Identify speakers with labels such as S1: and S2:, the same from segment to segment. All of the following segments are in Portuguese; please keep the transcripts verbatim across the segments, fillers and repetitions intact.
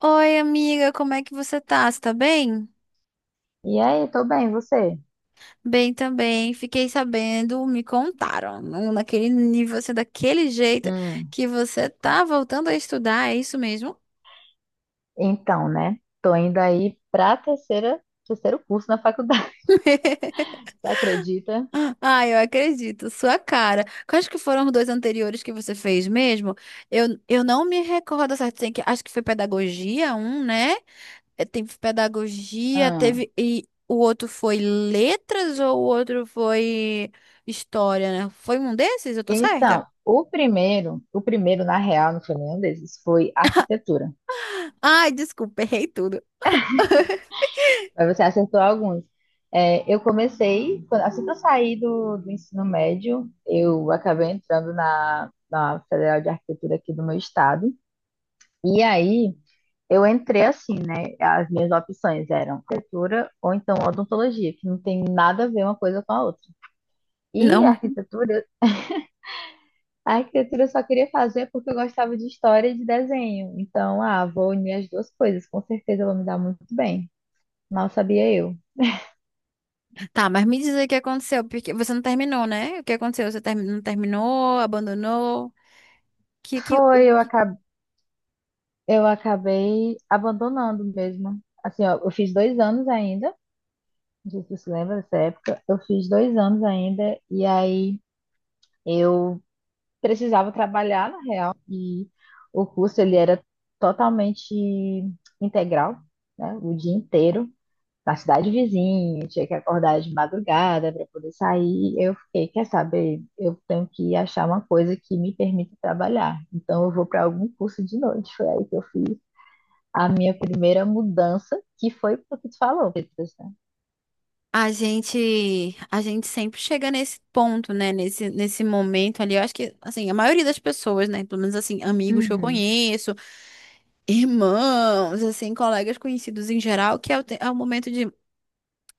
S1: Oi, amiga, como é que você tá? Você tá bem?
S2: E aí, tô bem, você?
S1: Bem também. Fiquei sabendo, me contaram, não naquele nível, assim, daquele jeito
S2: Hum,
S1: que você tá voltando a estudar, é isso mesmo?
S2: então, né? Tô indo aí pra terceira, terceiro curso na faculdade, você acredita?
S1: Ah, eu acredito, sua cara. Quais que foram os dois anteriores que você fez mesmo? Eu, eu não me recordo certo, tem que, acho que foi pedagogia, um, né? É, teve pedagogia,
S2: Hum.
S1: teve e o outro foi letras ou o outro foi história, né? Foi um desses, eu tô certa?
S2: Então, o primeiro, o primeiro, na real, não foi nenhum desses, foi arquitetura.
S1: Ai, desculpa, errei tudo.
S2: Mas você acertou alguns. É, eu comecei, quando- assim que eu saí do, do ensino médio, eu acabei entrando na, na Federal de Arquitetura aqui do meu estado. E aí, eu entrei assim, né? As minhas opções eram arquitetura ou então odontologia, que não tem nada a ver uma coisa com a outra. E
S1: Não,
S2: a
S1: me-
S2: arquitetura, a arquitetura eu só queria fazer porque eu gostava de história e de desenho. Então, ah, vou unir as duas coisas, com certeza eu vou me dar muito bem. Mal sabia eu.
S1: Tá, mas me diz aí o que aconteceu, porque você não terminou, né? O que aconteceu? Você termi- não terminou, abandonou? Que que
S2: Foi,
S1: o
S2: eu
S1: que
S2: acabei, eu acabei abandonando mesmo. Assim, ó, eu fiz dois anos ainda, não sei se você lembra dessa época, eu fiz dois anos ainda, e aí eu precisava trabalhar, na real, e o curso ele era totalmente integral, né? O dia inteiro, na cidade vizinha, eu tinha que acordar de madrugada para poder sair. Eu fiquei, quer saber, eu tenho que achar uma coisa que me permita trabalhar. Então eu vou para algum curso de noite. Foi aí que eu fiz a minha primeira mudança, que foi o que tu falou, Petras, né?
S1: a gente a gente sempre chega nesse ponto, né? Nesse nesse momento ali, eu acho que assim, a maioria das pessoas, né, pelo menos assim, amigos que eu
S2: Uhum.
S1: conheço, irmãos, assim, colegas conhecidos em geral, que é o, te- é o momento de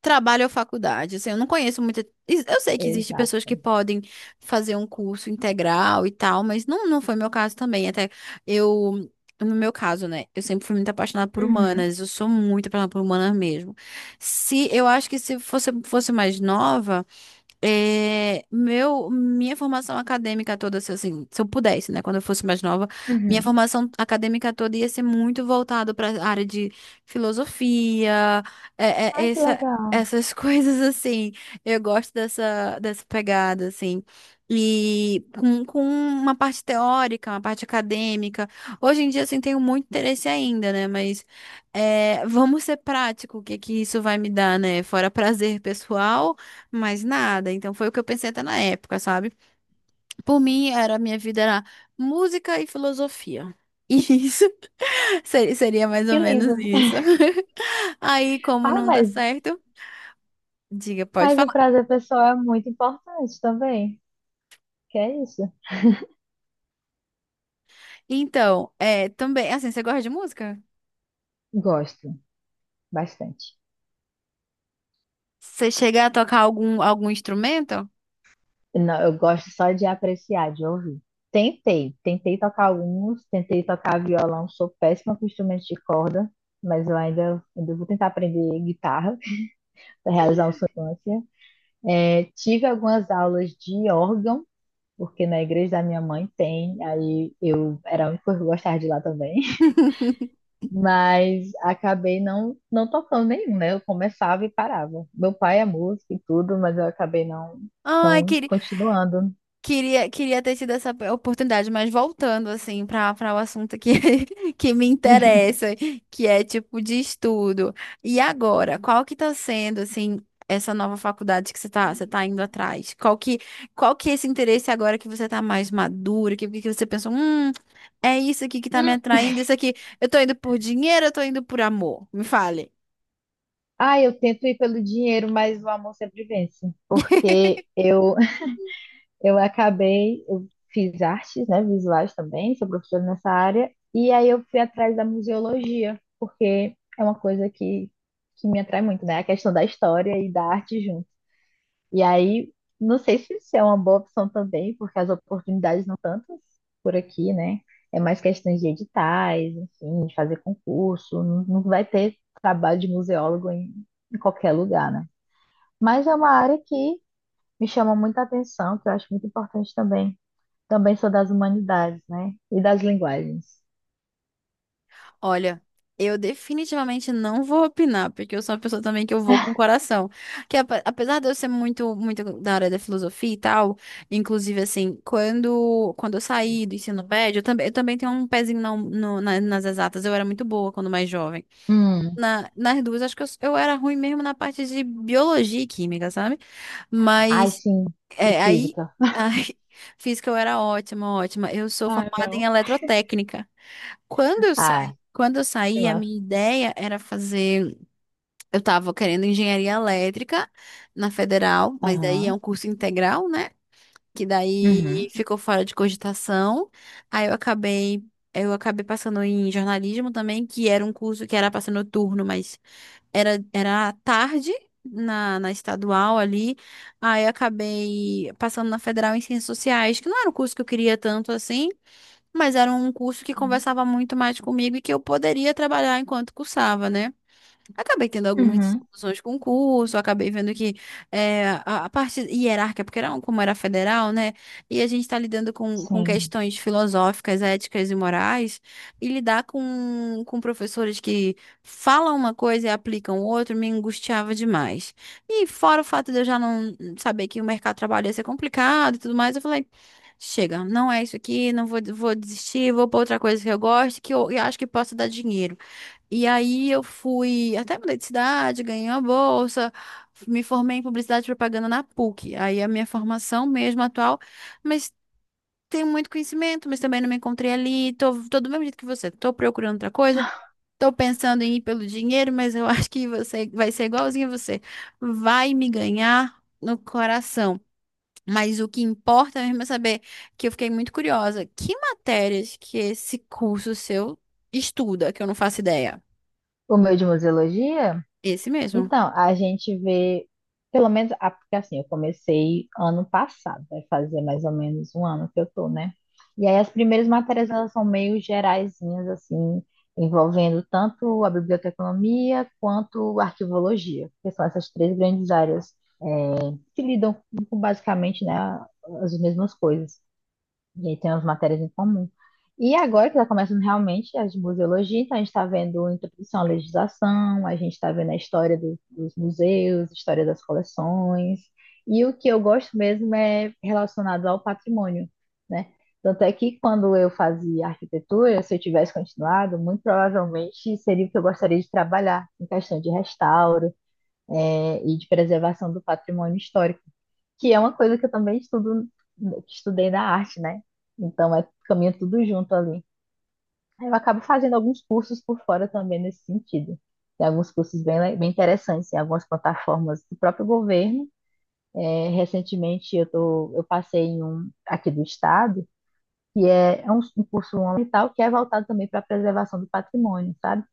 S1: trabalho ou faculdade. Assim, eu não conheço muita. Eu sei que existem pessoas que
S2: Exato.
S1: podem fazer um curso integral e tal, mas não, não foi meu caso também. Até eu, no meu caso, né? Eu sempre fui muito apaixonada por
S2: Uhum.
S1: humanas. Eu sou muito apaixonada por humanas mesmo. Se eu acho que se fosse, fosse mais nova. É, meu, minha formação acadêmica toda, se, assim, se eu pudesse, né, quando eu fosse mais nova, minha
S2: Uhum.
S1: formação acadêmica toda ia ser muito voltada para a área de filosofia, é,
S2: Ai,
S1: é,
S2: que
S1: essa,
S2: legal.
S1: essas coisas assim. Eu gosto dessa, dessa pegada, assim. E com, com uma parte teórica, uma parte acadêmica. Hoje em dia, assim, tenho muito interesse ainda, né? Mas é, vamos ser prático, o que que isso vai me dar, né? Fora prazer pessoal. Mais nada. Então foi o que eu pensei até na época, sabe? Por mim, era minha vida era música e filosofia. Isso. Se- Seria mais ou
S2: Que lindo.
S1: menos isso. Aí, como
S2: Fala
S1: não dá
S2: mais.
S1: certo, diga, pode
S2: Mas o
S1: falar.
S2: prazer pessoal é muito importante também. Que é isso?
S1: Então, é, também, assim, você gosta de música?
S2: Gosto bastante.
S1: Você chega a tocar algum, algum instrumento?
S2: Não, eu gosto só de apreciar, de ouvir. Tentei, tentei tocar alguns, tentei tocar violão, sou péssima com instrumentos de corda, mas eu ainda, ainda vou tentar aprender guitarra para realizar uma sonância. É, tive algumas aulas de órgão, porque na igreja da minha mãe tem, aí eu era a única que eu gostava de ir lá também. Mas acabei não, não tocando nenhum, né? Eu começava e parava. Meu pai é músico e tudo, mas eu acabei não,
S1: Ai,
S2: não
S1: queria.
S2: continuando.
S1: Queria, queria ter tido essa oportunidade, mas voltando assim para para o assunto que, que me interessa, que é tipo de estudo. E agora, qual que está sendo assim essa nova faculdade que você está você tá indo atrás? Qual que qual que é esse interesse agora que você está mais madura, que, que você pensou, hum, é isso aqui que está me
S2: Hum.
S1: atraindo, isso aqui, eu tô indo por dinheiro, eu tô indo por amor? Me fale.
S2: Ah, eu tento ir pelo dinheiro, mas o amor sempre vence. Porque eu, eu acabei, eu fiz artes, né, visuais também, sou professora nessa área, e aí eu fui atrás da museologia, porque é uma coisa que, que me atrai muito, né? A questão da história e da arte junto. E aí, não sei se isso é uma boa opção também, porque as oportunidades não tantas por aqui, né? É mais questões de editais, enfim, de fazer concurso. Não, não vai ter trabalho de museólogo em, em qualquer lugar, né? Mas é uma área que me chama muita atenção, que eu acho muito importante também. Também sou das humanidades, né? E das linguagens.
S1: Olha, eu definitivamente não vou opinar, porque eu sou uma pessoa também que eu vou com o coração. Que apa- apesar de eu ser muito, muito da área da filosofia e tal, inclusive assim, quando, quando eu saí do ensino médio, eu também, eu também tenho um pezinho na- no- na- nas exatas. Eu era muito boa quando mais jovem.
S2: Hum.
S1: Na, nas duas, acho que eu, eu era ruim mesmo na parte de biologia e química, sabe?
S2: Ai,
S1: Mas
S2: sim. E
S1: é, aí,
S2: física.
S1: ai, física eu era ótima, ótima. Eu sou
S2: Ah,
S1: formada em
S2: não.
S1: eletrotécnica. Quando eu saí,
S2: Ah,
S1: quando eu
S2: que
S1: saí, a
S2: massa.
S1: minha ideia era fazer, eu estava querendo engenharia elétrica na federal, mas daí é um
S2: Aham.
S1: curso integral, né? Que daí
S2: Uhum.
S1: ficou fora de cogitação. Aí eu acabei, eu acabei passando em jornalismo também, que era um curso que era para ser noturno, mas era, era à tarde na, na estadual ali. Aí acabei passando na Federal em Ciências Sociais, que não era um curso que eu queria tanto assim, mas era um curso que conversava muito mais comigo e que eu poderia trabalhar enquanto cursava, né? Acabei tendo algumas
S2: Uhum.
S1: discussões com o curso, acabei vendo que é, a, a parte hierárquica, porque era, um- como era federal, né? E a gente está lidando com, com
S2: Sim.
S1: questões filosóficas, éticas e morais, e lidar com, com professores que falam uma coisa e aplicam outra me angustiava demais. E fora o fato de eu já não saber que o mercado de trabalho ia ser complicado e tudo mais, eu falei. Chega, não é isso aqui, não vou, vou desistir, vou para outra coisa que eu gosto, que eu, eu acho que possa dar dinheiro. E aí eu fui, até mudei de cidade, ganhei uma bolsa, me formei em publicidade e propaganda na P U C. Aí a minha formação mesmo atual, mas tenho muito conhecimento, mas também não me encontrei ali. Tô, tô do mesmo jeito que você, tô procurando outra coisa. Tô pensando em ir pelo dinheiro, mas eu acho que você vai ser igualzinho a você. Vai me ganhar no coração. Mas o que importa mesmo é saber que eu fiquei muito curiosa. Que matérias que esse curso seu estuda, que eu não faço ideia?
S2: O meu de museologia?
S1: Esse mesmo.
S2: Então, a gente vê, pelo menos, ah, porque assim, eu comecei ano passado, vai fazer mais ou menos um ano que eu tô, né? E aí as primeiras matérias, elas são meio geraisinhas, assim, envolvendo tanto a biblioteconomia quanto a arquivologia, que são essas três grandes áreas, eh, que lidam com, basicamente, né, as mesmas coisas. E aí tem umas matérias em comum. E agora que está começando realmente as de museologia, então a gente está vendo introdução à legislação, a gente está vendo a história do- dos museus, história das coleções, e o que eu gosto mesmo é relacionado ao patrimônio, né? Tanto é que quando eu fazia arquitetura, se eu tivesse continuado, muito provavelmente seria o que eu gostaria de trabalhar, em questão de restauro, eh, e de preservação do patrimônio histórico que é uma coisa que eu também estudo, que estudei na arte, né? Então é caminha tudo junto ali. Aí eu acabo fazendo alguns cursos por fora também nesse sentido. Tem alguns cursos bem, le- bem interessantes, em algumas plataformas do próprio governo. É, recentemente eu tô, eu passei em um aqui do estado, que é, é um, um curso ambiental que é voltado também para a preservação do patrimônio, sabe?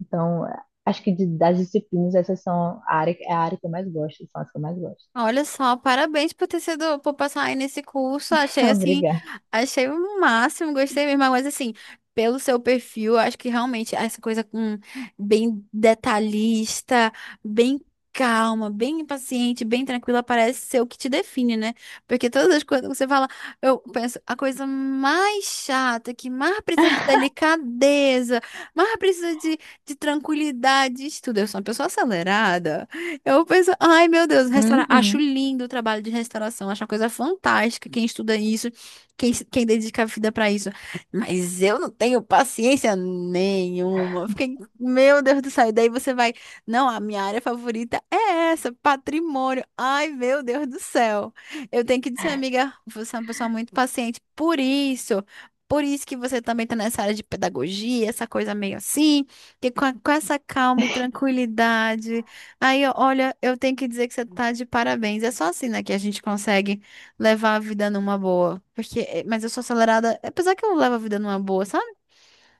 S2: Então, acho que de- das disciplinas essas são a área, é a área que eu mais gosto, são as que eu mais gosto.
S1: Olha só, parabéns por ter sido, por passar aí nesse curso. Achei assim,
S2: Obrigada.
S1: achei o máximo, gostei mesmo. Mas assim, pelo seu perfil, acho que realmente essa coisa com bem detalhista, bem calma, bem paciente, bem tranquila, parece ser o que te define, né? Porque todas as coisas que você fala, eu penso, a coisa mais chata, que mais precisa de delicadeza, mais precisa de, de tranquilidade, isso tudo. Eu sou uma pessoa acelerada. Eu penso, ai meu Deus, restaurar. Acho
S2: Uhum.
S1: lindo o trabalho de restauração, acho uma coisa fantástica. Quem estuda isso, quem, se- quem dedica a vida pra isso. Mas eu não tenho paciência nenhuma. Eu fiquei, meu Deus do céu. E daí você vai, não, a minha área favorita é essa, patrimônio. Ai meu Deus do céu. Eu tenho que dizer, amiga, você é uma pessoa muito paciente. Por isso, por isso que você também está nessa área de pedagogia, essa coisa meio assim, que com, a- com essa calma e tranquilidade. Aí, ó, olha, eu tenho que dizer que você tá de parabéns. É só assim, né, que a gente consegue levar a vida numa boa. Porque, eh, mas eu sou acelerada, apesar que eu levo a vida numa boa, sabe?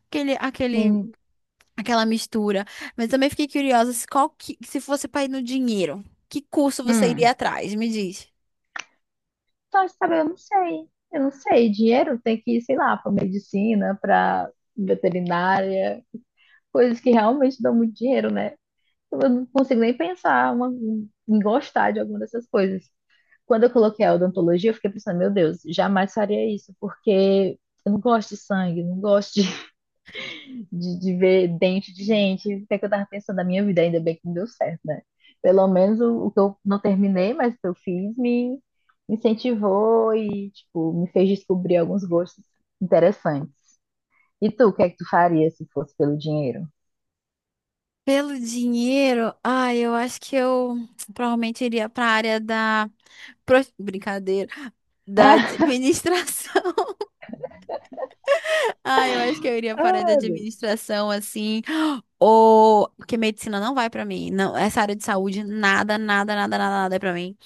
S1: Aquele, aquele, Aquela mistura. Mas também fiquei curiosa, se qual que, se fosse pra ir no dinheiro, que curso você iria
S2: Hum.
S1: atrás? Me diz.
S2: Só de eu não sei. Eu não sei. Dinheiro tem que ir, sei lá, para medicina, para veterinária, coisas que realmente dão muito dinheiro, né? Eu não consigo nem pensar uma- em gostar de alguma dessas coisas. Quando eu coloquei a odontologia, eu fiquei pensando, meu Deus, jamais faria isso, porque eu não gosto de sangue, não gosto de de, de ver dente de gente, o que é que eu tava pensando na minha vida, ainda bem que não deu certo, né? Pelo menos o, o que eu não terminei, mas o que eu fiz me incentivou e, tipo, me fez descobrir alguns gostos interessantes. E tu, o que é que tu faria se fosse pelo dinheiro?
S1: Pelo dinheiro, ai, eu acho que eu provavelmente iria pra área da pro- brincadeira, da administração. Ah, eu acho que eu iria para a área de
S2: Ah, Deus.
S1: administração, assim, ou... Porque medicina não vai para mim, não, essa área de saúde, nada, nada, nada, nada, nada é para mim.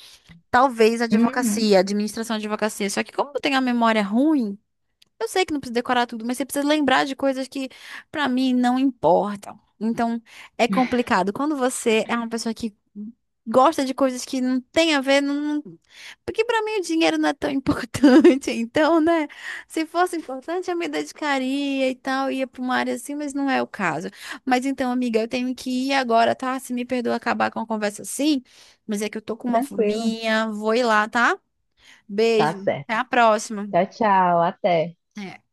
S1: Talvez
S2: Uhum,
S1: advocacia, administração de advocacia, só que como eu tenho a memória ruim, eu sei que não precisa decorar tudo, mas você precisa lembrar de coisas que, pra mim, não importam. Então, é complicado. Quando você é uma pessoa que gosta de coisas que não tem a ver, não... porque pra mim o dinheiro não é tão importante. Então, né? Se fosse importante, eu me dedicaria e tal, ia pra uma área assim, mas não é o caso. Mas então, amiga, eu tenho que ir agora, tá? Se me perdoa acabar com a conversa assim, mas é que eu tô com uma
S2: tranquilo.
S1: fominha, vou ir lá, tá?
S2: Tá
S1: Beijo, até
S2: certo.
S1: a próxima.
S2: Tchau, tchau, até.
S1: É.